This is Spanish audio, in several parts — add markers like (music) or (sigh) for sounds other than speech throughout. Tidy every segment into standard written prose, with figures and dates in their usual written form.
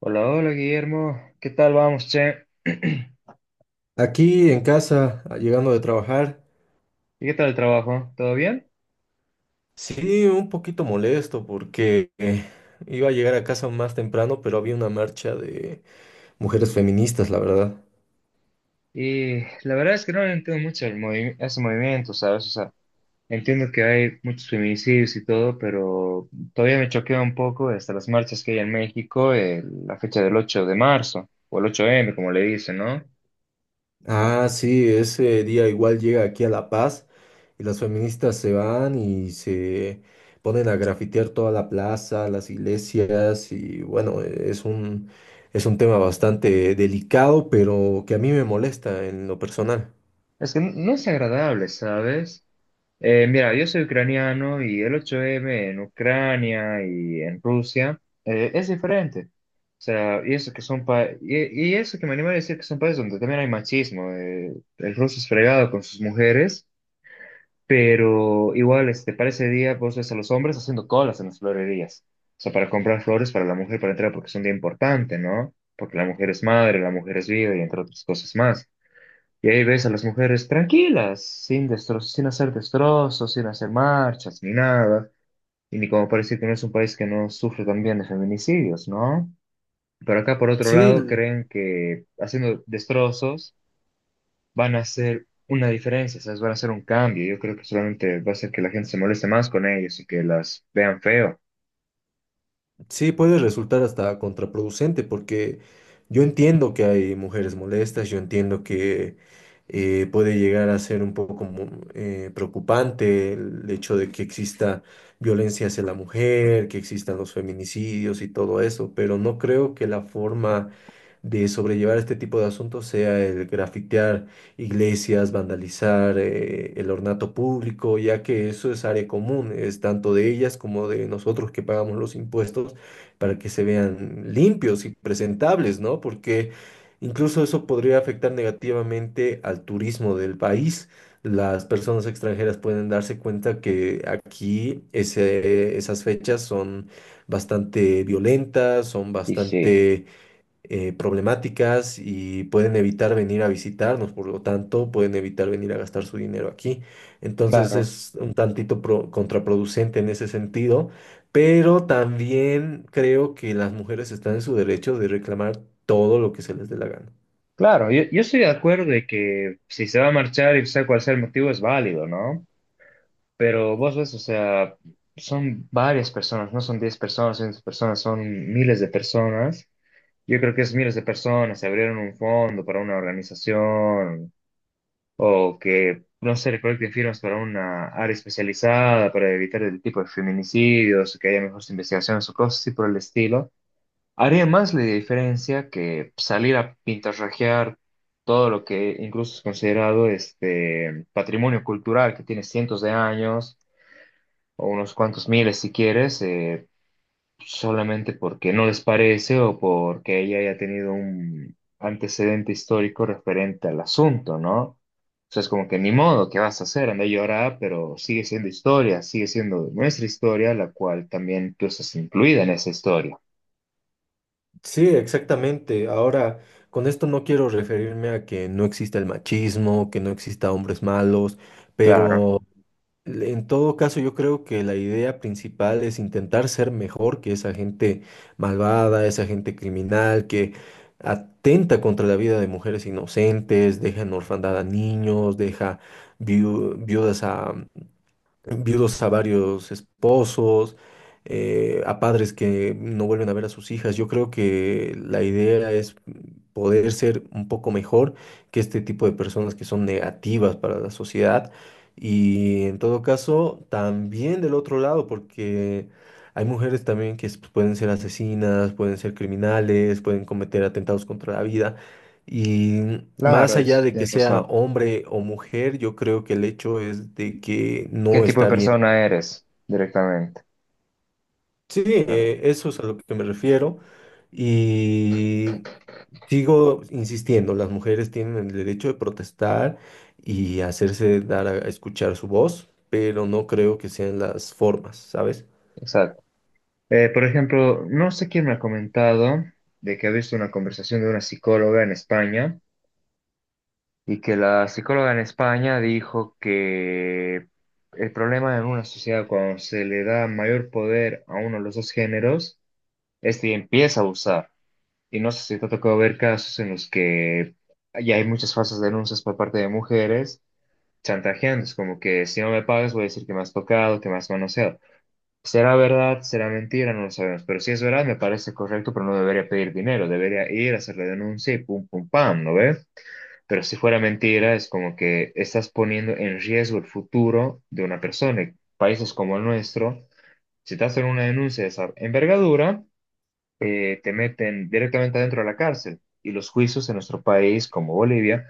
Hola, hola Guillermo, ¿qué tal vamos, che? (clears throat) Aquí en casa, llegando de trabajar, ¿Y qué tal el trabajo? ¿Todo bien? sí, un poquito molesto porque iba a llegar a casa más temprano, pero había una marcha de mujeres feministas, la verdad. Y la verdad es que no entiendo mucho el ese movimiento, ¿sabes? O sea, entiendo que hay muchos feminicidios y todo, pero todavía me choquea un poco hasta las marchas que hay en México, la fecha del 8 de marzo, o el 8M como le dicen, ¿no? Ah, sí, ese día igual llega aquí a La Paz y las feministas se van y se ponen a grafitear toda la plaza, las iglesias y bueno, es un tema bastante delicado, pero que a mí me molesta en lo personal. Es que no es agradable, ¿sabes? Mira, yo soy ucraniano y el 8M en Ucrania y en Rusia es diferente. O sea, y eso que son y eso que me anima a decir que son países donde también hay machismo. El ruso es fregado con sus mujeres, pero igual, para ese día vos ves a los hombres haciendo colas en las florerías. O sea, para comprar flores para la mujer para entrar porque es un día importante, ¿no? Porque la mujer es madre, la mujer es vida y entre otras cosas más. Y ahí ves a las mujeres tranquilas, sin destrozos, sin hacer destrozos, sin hacer marchas, ni nada. Y ni como parece que no es un país que no sufre también de feminicidios, ¿no? Pero acá, por otro Sí. lado, creen que haciendo destrozos van a hacer una diferencia, ¿sabes? Van a hacer un cambio. Yo creo que solamente va a hacer que la gente se moleste más con ellos y que las vean feo. Sí, puede resultar hasta contraproducente porque yo entiendo que hay mujeres molestas, yo entiendo que puede llegar a ser un poco preocupante el hecho de que exista violencia hacia la mujer, que existan los feminicidios y todo eso, pero no creo que la forma de sobrellevar este tipo de asuntos sea el grafitear iglesias, vandalizar el ornato público, ya que eso es área común, es tanto de ellas como de nosotros que pagamos los impuestos para que se vean limpios y presentables, ¿no? Porque incluso eso podría afectar negativamente al turismo del país. Las personas extranjeras pueden darse cuenta que aquí esas fechas son bastante violentas, son Y sí, bastante problemáticas y pueden evitar venir a visitarnos, por lo tanto, pueden evitar venir a gastar su dinero aquí. Entonces claro. es un tantito contraproducente en ese sentido, pero también creo que las mujeres están en su derecho de reclamar todo lo que se les dé la gana. Claro, yo estoy de acuerdo de que si se va a marchar y sea cual sea el motivo es válido, ¿no? Pero vos ves, o sea, son varias personas, no son 10 personas, 100 personas, son miles de personas. Yo creo que es miles de personas, se abrieron un fondo para una organización o que, no sé, recolecten firmas para una área especializada para evitar el tipo de feminicidios, que haya mejores investigaciones o cosas así por el estilo. Haría más la diferencia que salir a pintarrajear todo lo que incluso es considerado este patrimonio cultural que tiene cientos de años o unos cuantos miles si quieres, solamente porque no les parece o porque ella haya tenido un antecedente histórico referente al asunto, ¿no? O sea, es como que ni modo, ¿qué vas a hacer? Anda a llorar, pero sigue siendo historia, sigue siendo nuestra historia, la cual también tú estás incluida en esa historia. Sí, exactamente. Ahora, con esto no quiero referirme a que no exista el machismo, que no exista hombres malos, Claro, pero en todo caso, yo creo que la idea principal es intentar ser mejor que esa gente malvada, esa gente criminal que atenta contra la vida de mujeres inocentes, deja en orfandad a niños, deja viudas a, viudos a varios esposos, a padres que no vuelven a ver a sus hijas. Yo creo que la idea es poder ser un poco mejor que este tipo de personas que son negativas para la sociedad. Y en todo caso, también del otro lado, porque hay mujeres también que pueden ser asesinas, pueden ser criminales, pueden cometer atentados contra la vida. Y más claro, allá eso de que tienes sea razón. hombre o mujer, yo creo que el hecho es de que ¿Qué no tipo de está bien. persona eres directamente? Sí, Claro, eso es a lo que me refiero. Y sigo insistiendo, las mujeres tienen el derecho de protestar y hacerse dar a escuchar su voz, pero no creo que sean las formas, ¿sabes? exacto. Por ejemplo, no sé quién me ha comentado de que ha visto una conversación de una psicóloga en España y que la psicóloga en España dijo que el problema en una sociedad cuando se le da mayor poder a uno de los dos géneros, este empieza a abusar. Y no sé si te ha tocado ver casos en los que ya hay muchas falsas denuncias por parte de mujeres chantajeando, es como que si no me pagas voy a decir que me has tocado, que me has manoseado. Será verdad, será mentira, no lo sabemos. Pero si es verdad, me parece correcto, pero no debería pedir dinero. Debería ir a hacer la denuncia y pum, pum, pam, ¿no ve? Pero si fuera mentira, es como que estás poniendo en riesgo el futuro de una persona. Y países como el nuestro, si te hacen una denuncia de esa envergadura, te meten directamente adentro de la cárcel. Y los juicios en nuestro país, como Bolivia,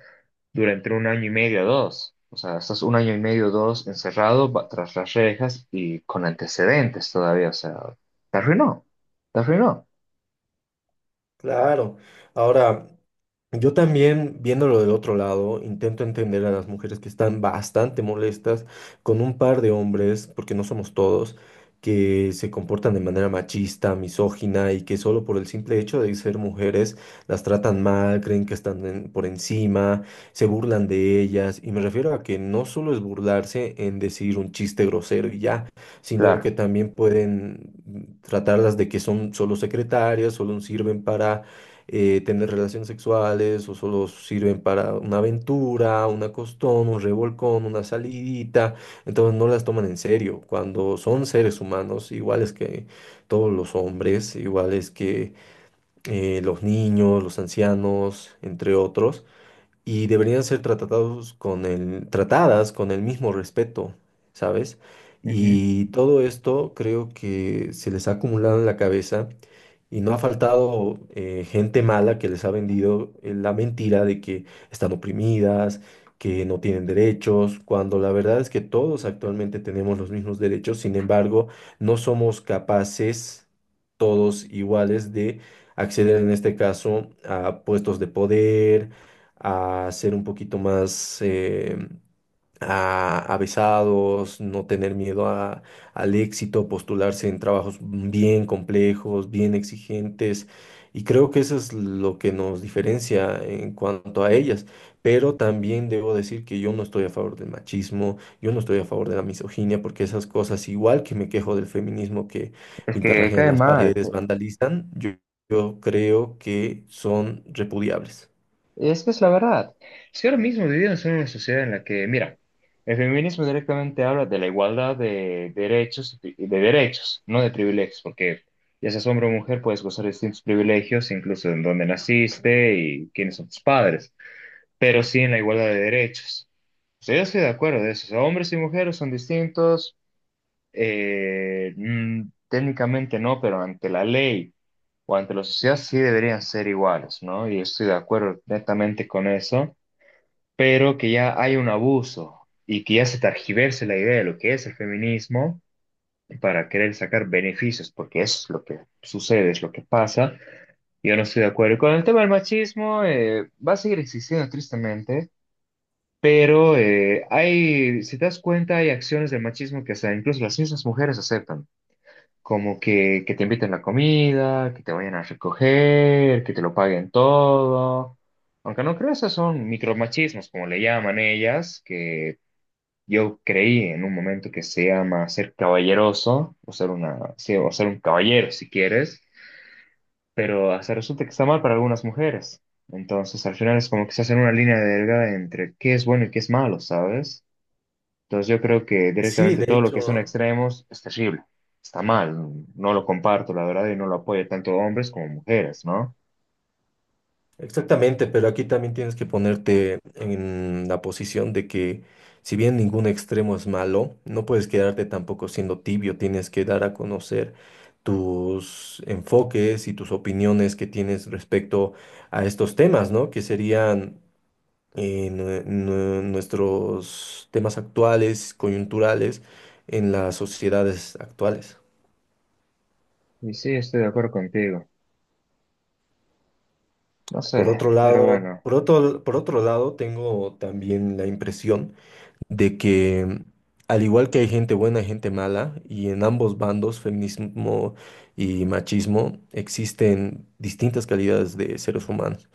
durante 1 año y medio, o dos. O sea, estás 1 año y medio, o dos, encerrado tras las rejas y con antecedentes todavía. O sea, te arruinó, te arruinó, Claro. Ahora, yo también, viéndolo del otro lado, intento entender a las mujeres que están bastante molestas con un par de hombres, porque no somos todos, que se comportan de manera machista, misógina y que solo por el simple hecho de ser mujeres las tratan mal, creen que están por encima, se burlan de ellas. Y me refiero a que no solo es burlarse en decir un chiste grosero y ya, sino claro. que también pueden tratarlas de que son solo secretarias, solo sirven para tener relaciones sexuales o solo sirven para una aventura, una costón, un revolcón, una salidita. Entonces no las toman en serio. Cuando son seres humanos, iguales que todos los hombres, iguales que los niños, los ancianos, entre otros, y deberían ser tratados con el, tratadas con el mismo respeto, ¿sabes? Ujú. Y todo esto creo que se les ha acumulado en la cabeza y no ha faltado gente mala que les ha vendido la mentira de que están oprimidas, que no tienen derechos, cuando la verdad es que todos actualmente tenemos los mismos derechos, sin embargo, no somos capaces todos iguales de acceder en este caso a puestos de poder, a ser un poquito más avesados, no tener miedo al éxito, postularse en trabajos bien complejos, bien exigentes. Y creo que eso es lo que nos diferencia en cuanto a ellas. Pero también debo decir que yo no estoy a favor del machismo, yo no estoy a favor de la misoginia, porque esas cosas, igual que me quejo del feminismo que Es que pintarrajean cae las mal. paredes, vandalizan, yo creo que son repudiables. Es que es la verdad. Si ahora mismo vivimos en una sociedad en la que, mira, el feminismo directamente habla de la igualdad de derechos, y de derechos, no de privilegios, porque ya seas hombre o mujer, puedes gozar de distintos privilegios, incluso en dónde naciste y quiénes son tus padres. Pero sí en la igualdad de derechos. O sea, yo estoy de acuerdo de eso. O sea, hombres y mujeres son distintos, técnicamente no, pero ante la ley o ante la sociedad sí deberían ser iguales, ¿no? Y estoy de acuerdo netamente con eso, pero que ya hay un abuso y que ya se targiverse la idea de lo que es el feminismo para querer sacar beneficios, porque eso es lo que sucede, es lo que pasa. Yo no estoy de acuerdo. Y con el tema del machismo, va a seguir existiendo tristemente pero si te das cuenta, hay acciones del machismo que hasta incluso las mismas mujeres aceptan, como que te inviten la comida, que te vayan a recoger, que te lo paguen todo. Aunque no creo, esos son micromachismos, como le llaman ellas, que yo creí en un momento que se llama ser caballeroso, o ser una, sí, o ser un caballero si quieres, pero hasta resulta que está mal para algunas mujeres. Entonces, al final es como que se hace una línea delgada entre qué es bueno y qué es malo, ¿sabes? Entonces yo creo que Sí, directamente de todo lo que son hecho. extremos es terrible, está mal, no lo comparto, la verdad, y no lo apoyo tanto hombres como mujeres, ¿no? Exactamente, pero aquí también tienes que ponerte en la posición de que si bien ningún extremo es malo, no puedes quedarte tampoco siendo tibio, tienes que dar a conocer tus enfoques y tus opiniones que tienes respecto a estos temas, ¿no? Que serían nuestros temas actuales, coyunturales en las sociedades actuales. Y sí, estoy de acuerdo contigo, no sé, pero bueno, Por otro lado, tengo también la impresión de que al igual que hay gente buena y gente mala, y en ambos bandos, feminismo y machismo, existen distintas calidades de seres humanos.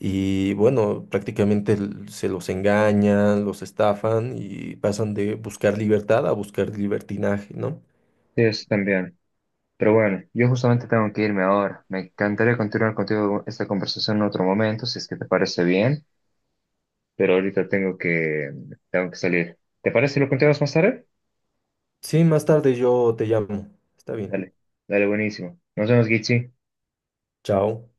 Y bueno, prácticamente se los engañan, los estafan y pasan de buscar libertad a buscar libertinaje, ¿no? sí, eso también. Pero bueno, yo justamente tengo que irme ahora. Me encantaría continuar contigo esta conversación en otro momento, si es que te parece bien, pero ahorita tengo que, salir. ¿Te parece si lo continuamos más tarde? Sí, más tarde yo te llamo. Está bien. Dale, dale, buenísimo. Nos vemos, Gichi. Chao.